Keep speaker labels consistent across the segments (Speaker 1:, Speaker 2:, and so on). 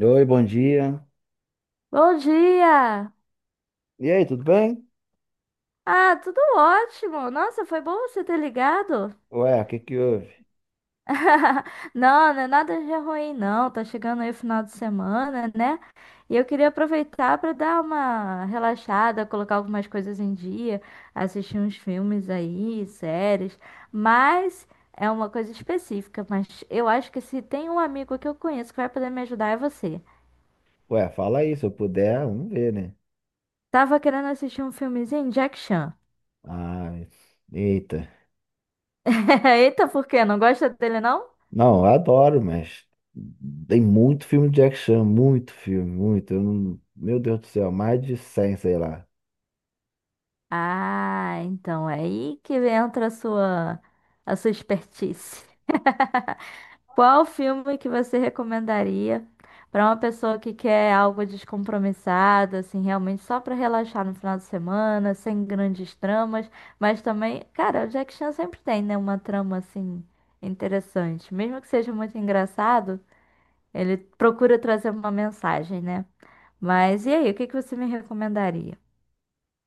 Speaker 1: Oi, bom dia.
Speaker 2: Bom dia!
Speaker 1: E aí, tudo bem?
Speaker 2: Ah, tudo ótimo! Nossa, foi bom você ter ligado.
Speaker 1: Ué, o que que houve?
Speaker 2: Não, não é nada de ruim, não. Tá chegando aí o final de semana, né? E eu queria aproveitar para dar uma relaxada, colocar algumas coisas em dia, assistir uns filmes aí, séries. Mas é uma coisa específica. Mas eu acho que se tem um amigo que eu conheço que vai poder me ajudar é você.
Speaker 1: Ué, fala aí, se eu puder, vamos ver, né?
Speaker 2: Tava querendo assistir um filmezinho, Jack Chan.
Speaker 1: Ah, eita.
Speaker 2: Eita, por quê? Não gosta dele, não?
Speaker 1: Não, eu adoro, mas tem muito filme de Jack muito filme, muito. Eu não- Meu Deus do céu, mais de 100, sei lá.
Speaker 2: Ah, então é aí que entra a sua expertise. Qual filme que você recomendaria para uma pessoa que quer algo descompromissado, assim, realmente só para relaxar no final de semana, sem grandes tramas, mas também, cara, o Jack Chan sempre tem, né, uma trama assim interessante, mesmo que seja muito engraçado, ele procura trazer uma mensagem, né? Mas e aí, o que que você me recomendaria?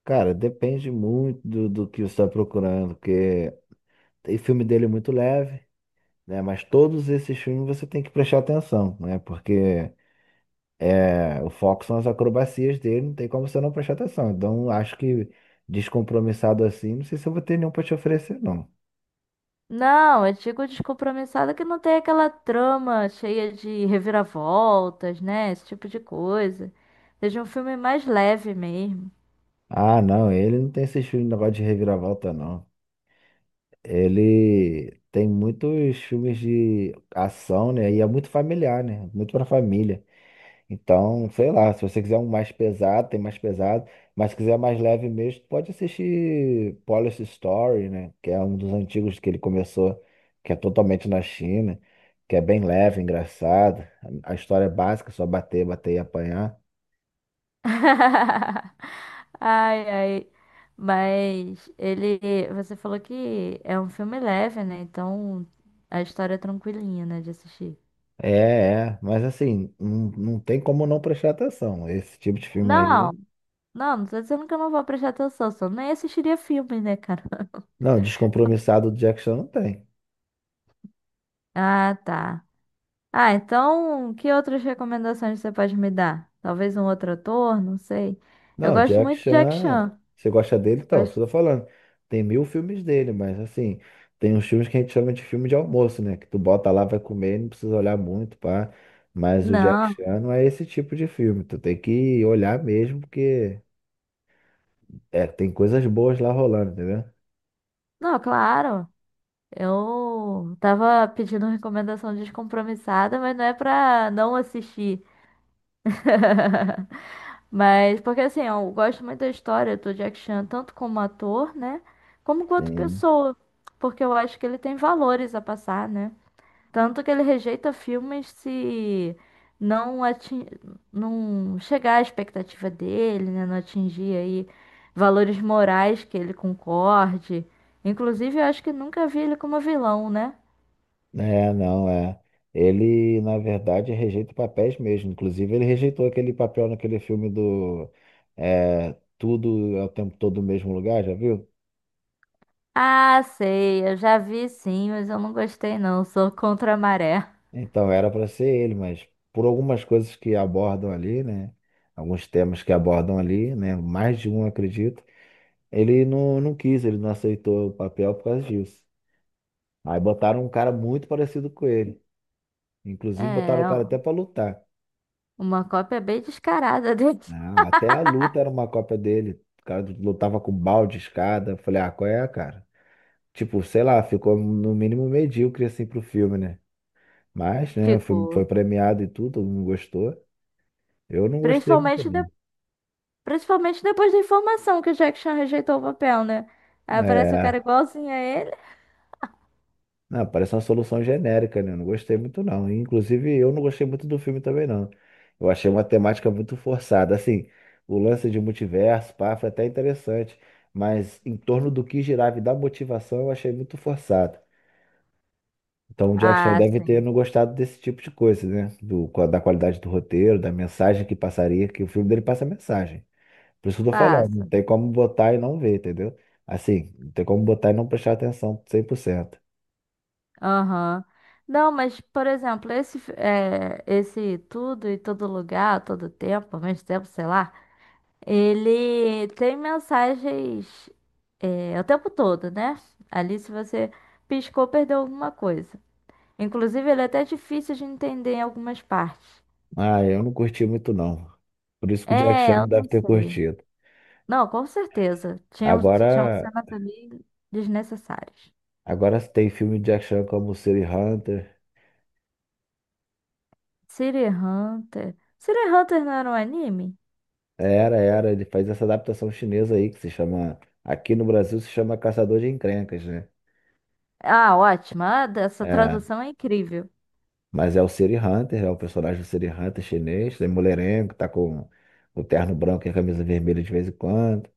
Speaker 1: Cara, depende muito do que você está procurando, porque tem filme dele muito leve, né? Mas todos esses filmes você tem que prestar atenção, né? Porque é, o foco são as acrobacias dele, não tem como você não prestar atenção. Então, acho que descompromissado assim, não sei se eu vou ter nenhum pra te oferecer, não.
Speaker 2: Não, eu digo descompromissada que não tem aquela trama cheia de reviravoltas, né? Esse tipo de coisa. Seja um filme mais leve mesmo.
Speaker 1: Ah, não, ele não tem esses filmes de negócio de reviravolta, não. Ele tem muitos filmes de ação, né? E é muito familiar, né? Muito pra família. Então, sei lá, se você quiser um mais pesado, tem mais pesado, mas se quiser mais leve mesmo, pode assistir Police Story, né? Que é um dos antigos que ele começou, que é totalmente na China, que é bem leve, engraçado. A história é básica, só bater, bater e apanhar.
Speaker 2: Ai, ai. Mas ele, você falou que é um filme leve, né? Então a história é tranquilinha, né, de assistir.
Speaker 1: É, é, mas assim, não, não tem como não prestar atenção. Esse tipo de filme
Speaker 2: Não,
Speaker 1: aí,
Speaker 2: não, não tô dizendo que eu não vou prestar atenção, só nem assistiria filme, né, cara?
Speaker 1: não, descompromissado do Jack Chan não tem.
Speaker 2: Ah, tá. Ah, então, que outras recomendações você pode me dar? Talvez um outro ator, não sei. Eu
Speaker 1: Não,
Speaker 2: gosto
Speaker 1: Jack
Speaker 2: muito de Jack
Speaker 1: Chan,
Speaker 2: Chan.
Speaker 1: você gosta dele? Então, isso que
Speaker 2: Gosto-
Speaker 1: eu tô falando. Tem mil filmes dele, mas assim, tem uns filmes que a gente chama de filme de almoço, né? Que tu bota lá, vai comer, não precisa olhar muito, pá. Mas o Jack
Speaker 2: Não,
Speaker 1: Chan não é esse tipo de filme. Tu tem que olhar mesmo, porque é, tem coisas boas lá rolando, entendeu?
Speaker 2: não, claro. Eu tava pedindo recomendação descompromissada, mas não é pra não assistir. Mas, porque assim, eu gosto muito da história do Jack Chan, tanto como ator, né? Como quanto
Speaker 1: Sim.
Speaker 2: pessoa. Porque eu acho que ele tem valores a passar, né? Tanto que ele rejeita filmes se não atin... não chegar à expectativa dele, né? Não atingir aí valores morais que ele concorde. Inclusive, eu acho que nunca vi ele como vilão, né?
Speaker 1: É, não, é. Ele, na verdade, rejeita papéis mesmo. Inclusive, ele rejeitou aquele papel naquele filme do é, Tudo é o tempo todo no mesmo lugar, já viu?
Speaker 2: Ah, sei, eu já vi sim, mas eu não gostei não, sou contra a maré.
Speaker 1: Então, era para ser ele, mas por algumas coisas que abordam ali, né? Alguns temas que abordam ali, né? Mais de um, acredito. Ele não, não quis, ele não aceitou o papel por causa disso. Aí botaram um cara muito parecido com ele. Inclusive, botaram
Speaker 2: É,
Speaker 1: o cara até para lutar.
Speaker 2: uma cópia bem descarada dele.
Speaker 1: Ah, até a luta era uma cópia dele. O cara lutava com balde, escada. Eu falei, ah, qual é, cara? Tipo, sei lá, ficou no mínimo medíocre assim pro filme, né? Mas, né, o filme foi
Speaker 2: Ficou.
Speaker 1: premiado e tudo, todo mundo gostou. Eu não gostei muito,
Speaker 2: Principalmente, de-
Speaker 1: não.
Speaker 2: Principalmente depois da informação que o Jack Chan rejeitou o papel, né? Aí aparece o cara
Speaker 1: É.
Speaker 2: igualzinho a ele.
Speaker 1: Não, parece uma solução genérica, né? Eu não gostei muito, não. Inclusive, eu não gostei muito do filme também, não. Eu achei uma temática muito forçada. Assim, o lance de multiverso, pá, foi até interessante. Mas em torno do que girava e da motivação, eu achei muito forçado. Então, o Jack Chan
Speaker 2: Ah,
Speaker 1: deve ter
Speaker 2: sim.
Speaker 1: não gostado desse tipo de coisa, né? Da qualidade do roteiro, da mensagem que passaria, que o filme dele passa mensagem. Por isso que eu tô falando, não
Speaker 2: Passa.
Speaker 1: tem como botar e não ver, entendeu? Assim, não tem como botar e não prestar atenção 100%.
Speaker 2: Aham. Não, mas, por exemplo, esse, fi- esse tudo e todo lugar, todo tempo, ao mesmo tempo, sei lá, ele tem mensagens, o tempo todo, né? Ali, se você piscou, perdeu alguma coisa. Inclusive, ele é até difícil de entender em algumas partes.
Speaker 1: Ah, eu não curti muito não. Por isso que o Jack Chan
Speaker 2: É,
Speaker 1: não
Speaker 2: eu
Speaker 1: deve
Speaker 2: não
Speaker 1: ter
Speaker 2: sei.
Speaker 1: curtido.
Speaker 2: Não, com certeza. Tinham, tinham
Speaker 1: Agora,
Speaker 2: cenas ali desnecessárias.
Speaker 1: agora tem filme de Jack Chan como City Hunter.
Speaker 2: City Hunter. City Hunter não era um anime?
Speaker 1: Era, era, ele faz essa adaptação chinesa aí que se chama, aqui no Brasil se chama Caçador de Encrencas, né?
Speaker 2: Ah, ótima! Ah, essa
Speaker 1: É,
Speaker 2: tradução é incrível.
Speaker 1: mas é o City Hunter, é o personagem do City Hunter chinês, tem mulherengo, tá com o terno branco e a camisa vermelha de vez em quando,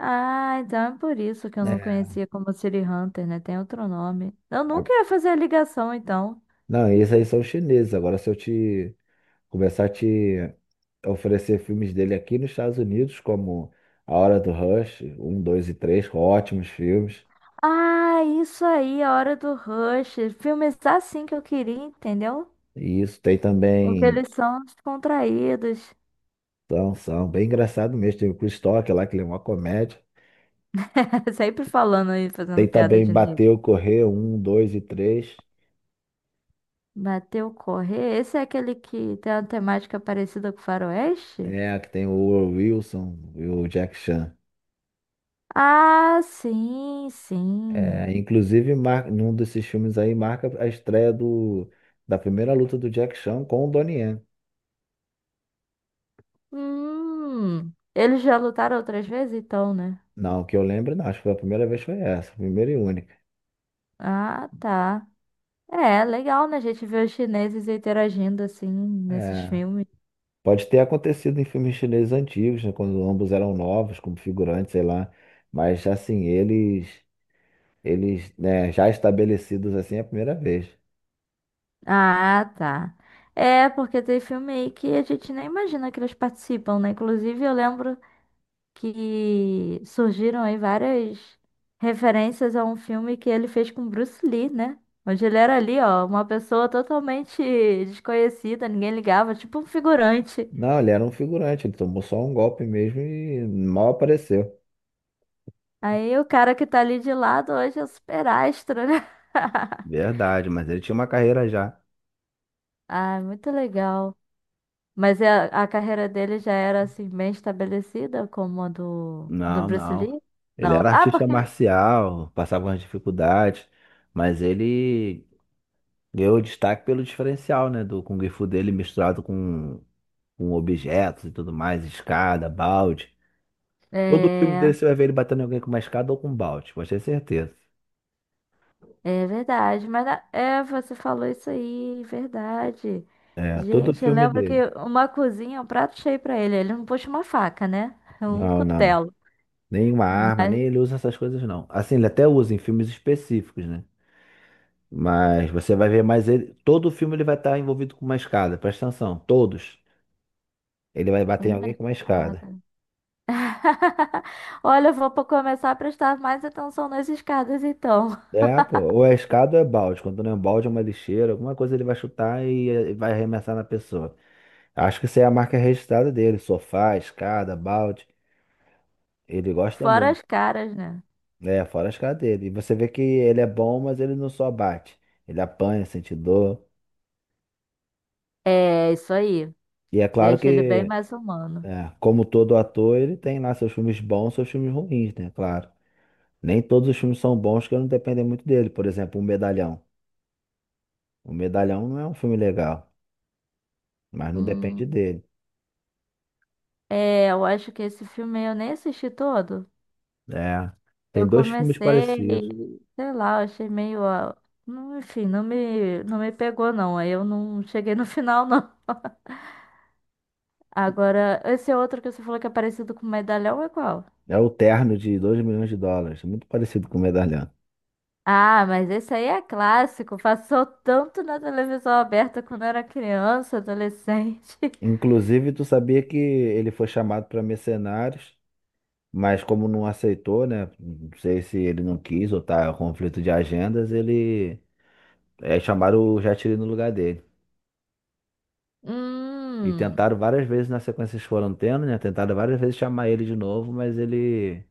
Speaker 2: Ah, então é por isso que eu não
Speaker 1: né?
Speaker 2: conhecia como City Hunter, né? Tem outro nome. Eu
Speaker 1: A-
Speaker 2: nunca ia fazer a ligação, então.
Speaker 1: Não, esses aí são chineses. Agora se eu te começar a te oferecer filmes dele aqui nos Estados Unidos, como A Hora do Rush, um 2 e 3 ótimos filmes.
Speaker 2: Ah, isso aí, a hora do Rush. Filme está assim que eu queria, entendeu?
Speaker 1: E isso tem
Speaker 2: Porque
Speaker 1: também,
Speaker 2: eles são descontraídos.
Speaker 1: então, são bem engraçado mesmo. Tem o Chris Tucker lá, que ele é uma comédia.
Speaker 2: Sempre falando aí,
Speaker 1: Tem
Speaker 2: fazendo piada
Speaker 1: também
Speaker 2: de negro.
Speaker 1: Bateu, Correr, um 2 e 3
Speaker 2: Bateu correr. Esse é aquele que tem uma temática parecida com Faroeste?
Speaker 1: é, que tem o Wilson e o Jack Chan.
Speaker 2: Ah, sim, sim.
Speaker 1: É, inclusive, mar... num desses filmes aí marca a estreia do... da primeira luta do Jack Chan com o Donnie Yen.
Speaker 2: Eles já lutaram outras vezes, então, né?
Speaker 1: Não, que eu lembro, não. Acho que foi a primeira vez foi essa, primeira e única.
Speaker 2: Ah, tá. É, legal, né? A gente vê os chineses interagindo assim nesses
Speaker 1: É.
Speaker 2: filmes.
Speaker 1: Pode ter acontecido em filmes chineses antigos, né, quando ambos eram novos, como figurantes, sei lá. Mas assim, eles, né, já estabelecidos assim é a primeira vez.
Speaker 2: Ah, tá. É, porque tem filme aí que a gente nem imagina que eles participam, né? Inclusive, eu lembro que surgiram aí várias referências a um filme que ele fez com Bruce Lee, né? Onde ele era ali, ó, uma pessoa totalmente desconhecida, ninguém ligava, tipo um figurante.
Speaker 1: Não, ele era um figurante, ele tomou só um golpe mesmo e mal apareceu.
Speaker 2: Aí o cara que tá ali de lado hoje é super astro, né?
Speaker 1: Verdade, mas ele tinha uma carreira já.
Speaker 2: Ah, muito legal. Mas é- a carreira dele já era assim bem estabelecida como a do
Speaker 1: Não,
Speaker 2: Bruce
Speaker 1: não.
Speaker 2: Lee?
Speaker 1: Ele
Speaker 2: Não.
Speaker 1: era
Speaker 2: Ah,
Speaker 1: artista
Speaker 2: porque
Speaker 1: marcial, passava umas dificuldades, mas ele ganhou destaque pelo diferencial, né, do Kung Fu dele misturado com objetos e tudo mais, escada, balde. Todo filme dele
Speaker 2: é,
Speaker 1: você vai ver ele batendo em alguém com uma escada ou com um balde, pode ter certeza.
Speaker 2: é verdade. Mas a- é, você falou isso aí, verdade.
Speaker 1: É, todo
Speaker 2: Gente, eu
Speaker 1: filme
Speaker 2: lembro que
Speaker 1: dele.
Speaker 2: uma cozinha, um prato cheio pra ele. Ele não puxa uma faca, né? É um
Speaker 1: Não, não.
Speaker 2: cutelo,
Speaker 1: Nenhuma arma,
Speaker 2: mas
Speaker 1: nem ele usa essas coisas, não. Assim, ele até usa em filmes específicos, né? Mas você vai ver mais ele. Todo filme ele vai estar envolvido com uma escada, presta atenção, todos. Ele vai bater em
Speaker 2: uma
Speaker 1: alguém com uma escada.
Speaker 2: espada. Olha, eu vou po- começar a prestar mais atenção nas escadas, então.
Speaker 1: É, pô. Ou é escada ou é balde. Quando não é um balde, é uma lixeira, alguma coisa ele vai chutar e vai arremessar na pessoa. Acho que essa é a marca registrada dele: sofá, escada, balde. Ele gosta
Speaker 2: Fora
Speaker 1: muito.
Speaker 2: as caras, né?
Speaker 1: É, fora as caras dele. E você vê que ele é bom, mas ele não só bate. Ele apanha, sente dor.
Speaker 2: É, isso aí.
Speaker 1: E é claro
Speaker 2: Deixa ele bem
Speaker 1: que,
Speaker 2: mais humano.
Speaker 1: é, como todo ator, ele tem lá seus filmes bons, seus filmes ruins, né? Claro. Nem todos os filmes são bons que não dependem muito dele. Por exemplo, O Medalhão. O Medalhão não é um filme legal, mas não depende
Speaker 2: Hum,
Speaker 1: dele.
Speaker 2: é, eu acho que esse filme eu nem assisti todo.
Speaker 1: É.
Speaker 2: Eu
Speaker 1: Tem dois filmes parecidos.
Speaker 2: comecei, sei lá, eu achei meio. Ó, não- Enfim, não me pegou, não. Aí eu não cheguei no final, não. Agora, esse outro que você falou que é parecido com medalhão é qual?
Speaker 1: É o Terno de US$ 2 milhões, é muito parecido com o Medalhão.
Speaker 2: Ah, mas esse aí é clássico. Passou tanto na televisão aberta quando eu era criança, adolescente.
Speaker 1: Inclusive, tu sabia que ele foi chamado para Mercenários? Mas como não aceitou, né? Não sei se ele não quis ou tá conflito de agendas, ele é, chamaram o Jatiri no lugar dele. E
Speaker 2: Hum.
Speaker 1: tentaram várias vezes na sequência que eles foram tendo, né? Tentaram várias vezes chamar ele de novo, mas ele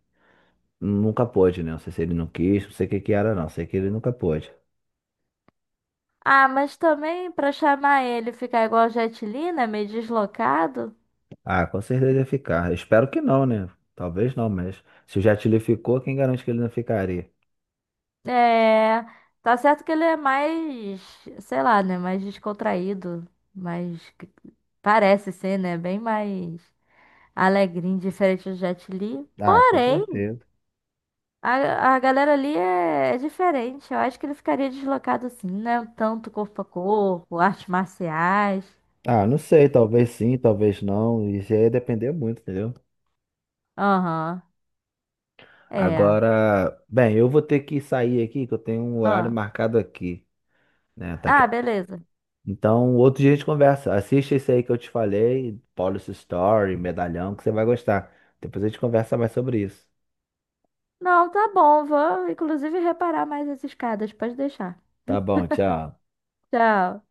Speaker 1: nunca pôde, né? Não sei se ele não quis, não sei o que que era, não. Sei que ele nunca pôde.
Speaker 2: Ah, mas também pra chamar ele ficar igual o Jet Li, né? Meio deslocado.
Speaker 1: Ah, com certeza ia ficar. Espero que não, né? Talvez não, mas se o Jatiri ficou, quem garante que ele não ficaria?
Speaker 2: É. Tá certo que ele é mais, sei lá, né? Mais descontraído. Mais. Parece ser, né? Bem mais alegrinho, diferente do Jet Li.
Speaker 1: Ah, com
Speaker 2: Porém.
Speaker 1: certeza.
Speaker 2: A galera ali é diferente. Eu acho que ele ficaria deslocado assim, né? Tanto corpo a corpo, artes marciais.
Speaker 1: Ah, não sei, talvez sim, talvez não. Isso aí ia depender muito, entendeu?
Speaker 2: Aham. É.
Speaker 1: Agora, bem, eu vou ter que sair aqui, que eu tenho um horário
Speaker 2: Ah.
Speaker 1: marcado aqui, né? Tá aqui.
Speaker 2: Ah, beleza.
Speaker 1: Então, outro dia a gente conversa. Assiste esse aí que eu te falei, Policy Story, Medalhão, que você vai gostar. Depois a gente conversa mais sobre isso.
Speaker 2: Não, tá bom. Vou, inclusive, reparar mais as escadas. Pode deixar.
Speaker 1: Tá bom, tchau.
Speaker 2: Tchau.